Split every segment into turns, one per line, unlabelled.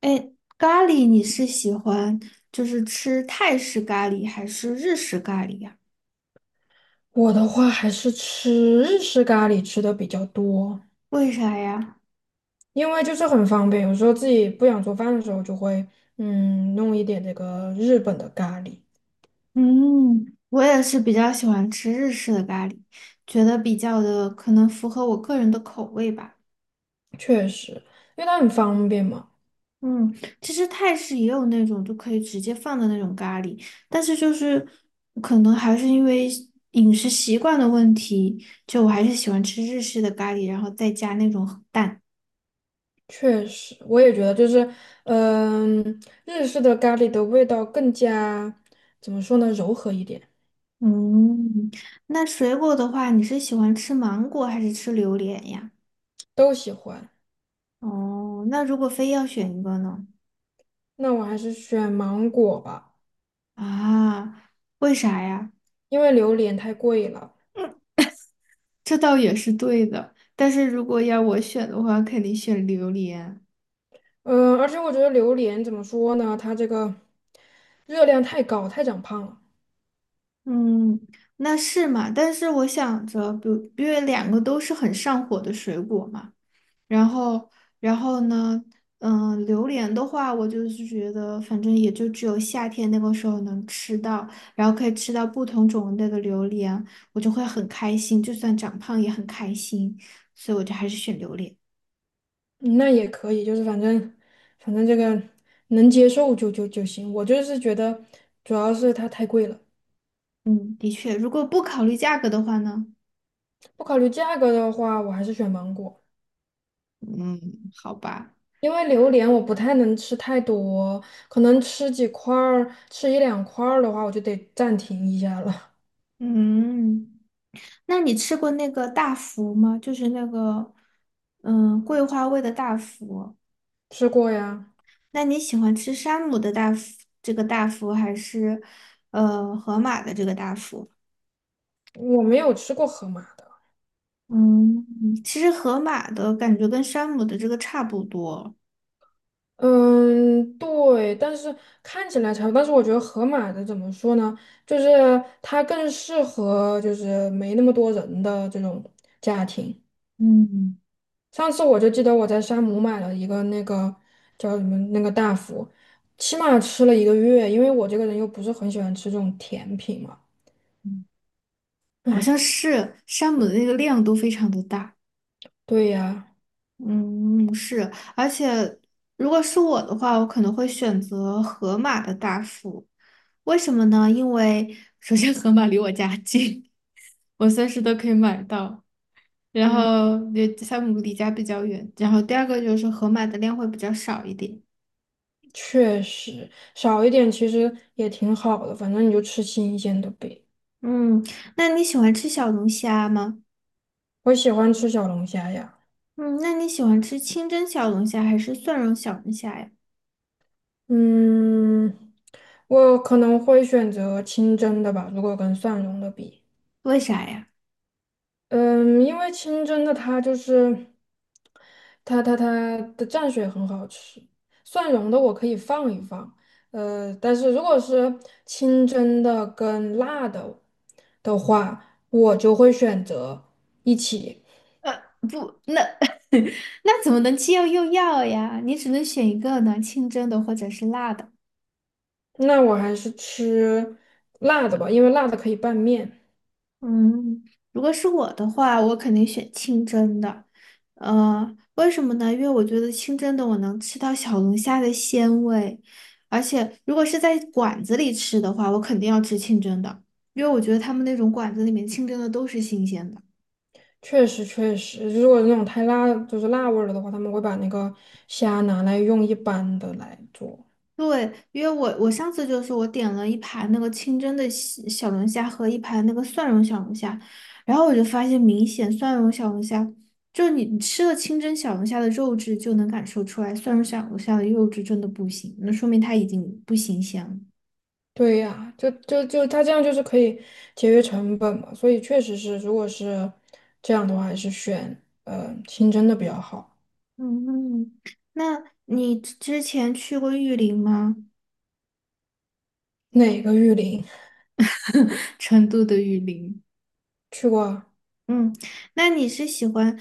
哎，咖喱你是喜欢就是吃泰式咖喱还是日式咖喱呀？
我的话还是吃日式咖喱吃的比较多，
为啥呀？
因为就是很方便，有时候自己不想做饭的时候就会弄一点这个日本的咖喱。
嗯，我也是比较喜欢吃日式的咖喱，觉得比较的可能符合我个人的口味吧。
确实，因为它很方便嘛。
嗯，其实泰式也有那种就可以直接放的那种咖喱，但是就是可能还是因为饮食习惯的问题，就我还是喜欢吃日式的咖喱，然后再加那种蛋。
确实，我也觉得就是，嗯，日式的咖喱的味道更加怎么说呢，柔和一点。
嗯，那水果的话，你是喜欢吃芒果还是吃榴莲呀？
都喜欢。
哦，那如果非要选一个呢？
那我还是选芒果吧，
啊，为啥呀？
因为榴莲太贵了。
这倒也是对的，但是如果要我选的话，肯定选榴莲。
嗯，而且我觉得榴莲怎么说呢，它这个热量太高，太长胖了。
嗯，那是嘛？但是我想着，比如因为两个都是很上火的水果嘛。然后，然后呢，嗯，榴莲的话，我就是觉得，反正也就只有夏天那个时候能吃到，然后可以吃到不同种类的榴莲，我就会很开心，就算长胖也很开心，所以我就还是选榴莲。
嗯那也可以，就是反正这个能接受就行。我就是觉得主要是它太贵了，
嗯，的确，如果不考虑价格的话呢，
不考虑价格的话，我还是选芒果，
嗯，好吧，
因为榴莲我不太能吃太多，可能吃几块儿，吃一两块儿的话，我就得暂停一下了。
嗯，那你吃过那个大福吗？就是那个，嗯，桂花味的大福。
吃过呀，
那你喜欢吃山姆的大福，这个大福还是河马的这个大福？
我没有吃过河马。
嗯，其实河马的感觉跟山姆的这个差不多，
嗯，对，但是看起来差不多。但是我觉得盒马的怎么说呢？就是它更适合就是没那么多人的这种家庭。
嗯
上次我就记得我在山姆买了一个那个叫什么那个大福，起码吃了一个月，因为我这个人又不是很喜欢吃这种甜品嘛。
嗯，好像
唉，
是山姆的那个量都非常的大。
对呀。
嗯，是，而且如果是我的话，我可能会选择盒马的大福。为什么呢？因为首先盒马离我家近，我随时都可以买到。然
嗯，
后也山姆离家比较远，然后第二个就是盒马的量会比较少一点。
确实少一点其实也挺好的，反正你就吃新鲜的呗。
嗯，那你喜欢吃小龙虾吗？
我喜欢吃小龙虾呀。
嗯，那你喜欢吃清蒸小龙虾还是蒜蓉小龙虾呀？
嗯，我可能会选择清蒸的吧，如果跟蒜蓉的比。
为啥呀？
嗯，因为清蒸的它就是它的蘸水很好吃，蒜蓉的我可以放一放。但是如果是清蒸的跟辣的的话，我就会选择一起。
不，那 那怎么能既要又要呀？你只能选一个呢，清蒸的或者是辣的。
那我还是吃辣的吧，因为辣的可以拌面。
嗯，如果是我的话，我肯定选清蒸的。为什么呢？因为我觉得清蒸的我能吃到小龙虾的鲜味，而且如果是在馆子里吃的话，我肯定要吃清蒸的，因为我觉得他们那种馆子里面清蒸的都是新鲜的。
确实确实，如果那种太辣，就是辣味儿了的话，他们会把那个虾拿来用一般的来做。
对，因为我上次就是我点了一盘那个清蒸的西小龙虾和一盘那个蒜蓉小龙虾，然后我就发现明显蒜蓉小龙虾，就是你吃了清蒸小龙虾的肉质就能感受出来，蒜蓉小龙虾的肉质真的不行，那说明它已经不新鲜了。
对呀，就他这样就是可以节约成本嘛，所以确实是，如果是这样的话，还是选清蒸的比较好。
嗯，那你之前去过玉林吗？
哪个玉林？
成都的玉林。
去过啊。
嗯，那你是喜欢，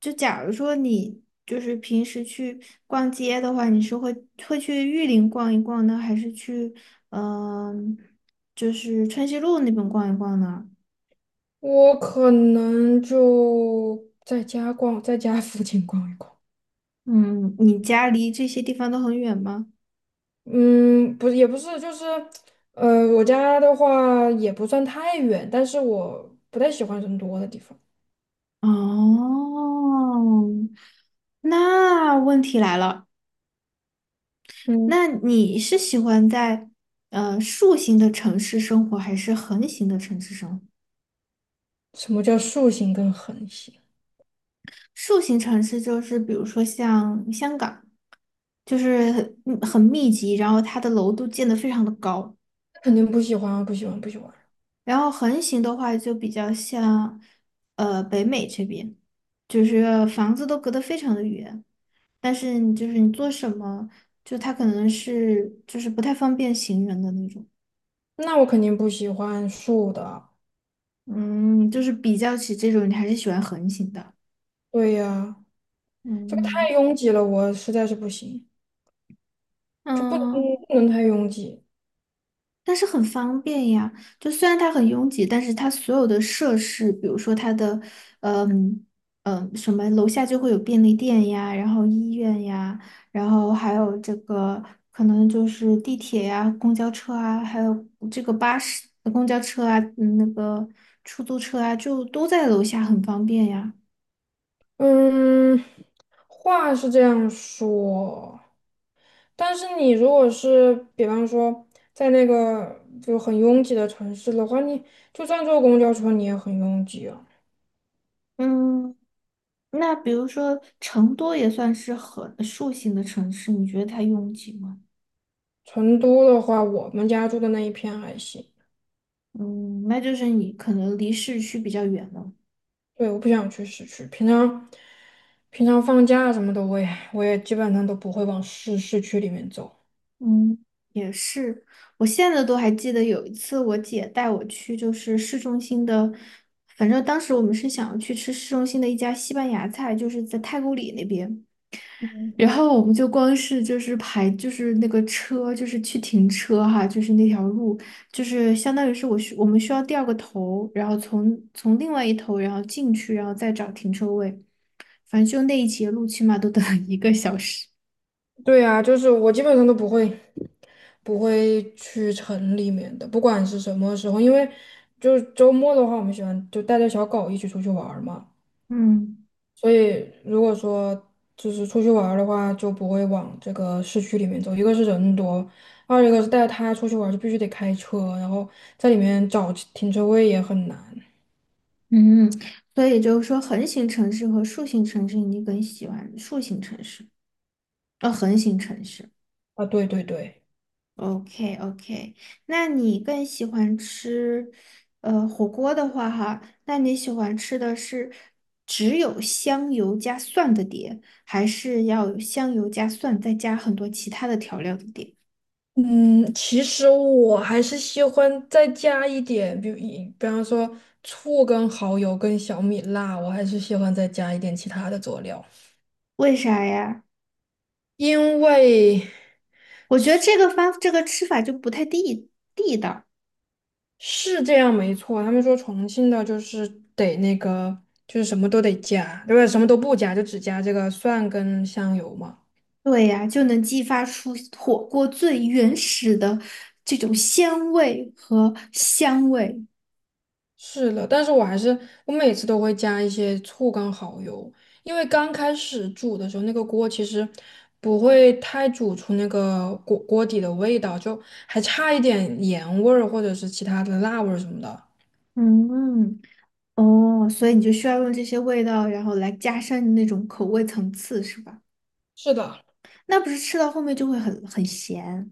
就假如说你就是平时去逛街的话，你是会去玉林逛一逛呢，还是去嗯、就是春熙路那边逛一逛呢？
我可能就在家逛，在家附近逛一逛。
嗯，你家离这些地方都很远吗？
嗯，不也不是，就是，我家的话也不算太远，但是我不太喜欢人多的地方。
哦，那问题来了，
嗯，
那你是喜欢在竖形的城市生活，还是横形的城市生活？
什么叫竖形跟横形？
竖形城市就是比如说像香港。就是很嗯很密集，然后它的楼都建得非常的高。
肯定不喜欢啊，不喜欢，不喜欢。
然后横行的话，就比较像北美这边，就是房子都隔得非常的远，但是你就是你做什么，就它可能是就是不太方便行人的那种。
那我肯定不喜欢竖的。
嗯，就是比较起这种，你还是喜欢横行的。
对呀，这个太
嗯
拥挤了，我实在是不行，就不能
嗯。
太拥挤。
但是很方便呀，就虽然它很拥挤，但是它所有的设施，比如说它的，嗯嗯，什么楼下就会有便利店呀，然后医院呀，然后还有这个可能就是地铁呀、公交车啊，还有这个巴士、公交车啊，嗯那个出租车啊，就都在楼下，很方便呀。
嗯，话是这样说。但是你如果是比方说在那个就很拥挤的城市的话，你就算坐公交车你也很拥挤啊。
嗯，那比如说成都也算是很树形的城市，你觉得它拥挤吗？
成都的话，我们家住的那一片还行。
嗯，那就是你可能离市区比较远了。
对，我不想去市区，平常放假什么的，我也基本上都不会往市区里面走。
嗯，也是，我现在都还记得有一次我姐带我去，就是市中心的，反正当时我们是想要去吃市中心的一家西班牙菜，就是在太古里那边。然后我们就光是就是排就是那个车就是去停车哈，就是那条路，就是相当于是我们需要掉个头，然后从另外一头然后进去，然后再找停车位。反正就那一节路，起码都等了一个小时。
对啊，就是我基本上都不会去城里面的，不管是什么时候，因为就是周末的话，我们喜欢就带着小狗一起出去玩儿嘛。
嗯
所以如果说就是出去玩儿的话，就不会往这个市区里面走，一个是人多，二一个是带他出去玩儿就必须得开车，然后在里面找停车位也很难
嗯，所以就是说，横型城市和竖型城市，你更喜欢竖型城市，横型城市。
啊。对对对。
OK OK，那你更喜欢吃，火锅的话哈，那你喜欢吃的是只有香油加蒜的碟，还是要有香油加蒜再加很多其他的调料的碟？
嗯，其实我还是喜欢再加一点，比如比方说醋跟蚝油跟小米辣，我还是喜欢再加一点其他的佐料，
为啥呀？
因为
我觉得这个方这个吃法就不太地道。
是这样，没错。他们说重庆的就是得那个，就是什么都得加，对吧？什么都不加，就只加这个蒜跟香油嘛。
对呀，就能激发出火锅最原始的这种鲜味和香味。
是的，但是我还是我每次都会加一些醋跟蚝油，因为刚开始煮的时候，那个锅其实不会太煮出那个锅锅底的味道，就还差一点盐味儿或者是其他的辣味儿什么的。
嗯，哦，所以你就需要用这些味道，然后来加深那种口味层次，是吧？
是的。
那不是吃到后面就会很咸。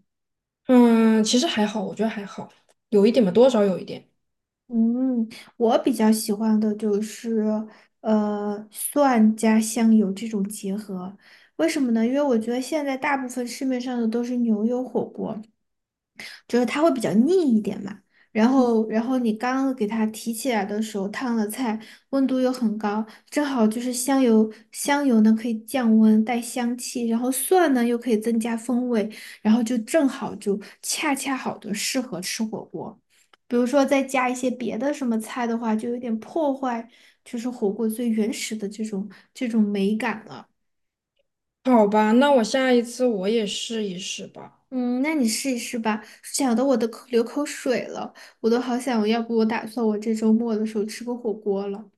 嗯，其实还好，我觉得还好，有一点吧，多少有一点。
嗯，我比较喜欢的就是蒜加香油这种结合，为什么呢？因为我觉得现在大部分市面上的都是牛油火锅。就是它会比较腻一点嘛。然后你刚给它提起来的时候，烫了菜，温度又很高，正好就是香油，香油呢可以降温带香气，然后蒜呢又可以增加风味，然后就正好就恰恰好的适合吃火锅。比如说再加一些别的什么菜的话，就有点破坏，就是火锅最原始的这种美感了。
好吧，那我下一次我也试一试吧。
嗯，那你试一试吧。讲的我都流口水了，我都好想，要不我打算我这周末的时候吃个火锅了。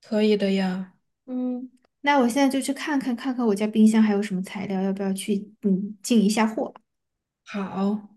可以的呀。
嗯，那我现在就去看看我家冰箱还有什么材料，要不要去进一下货。
好。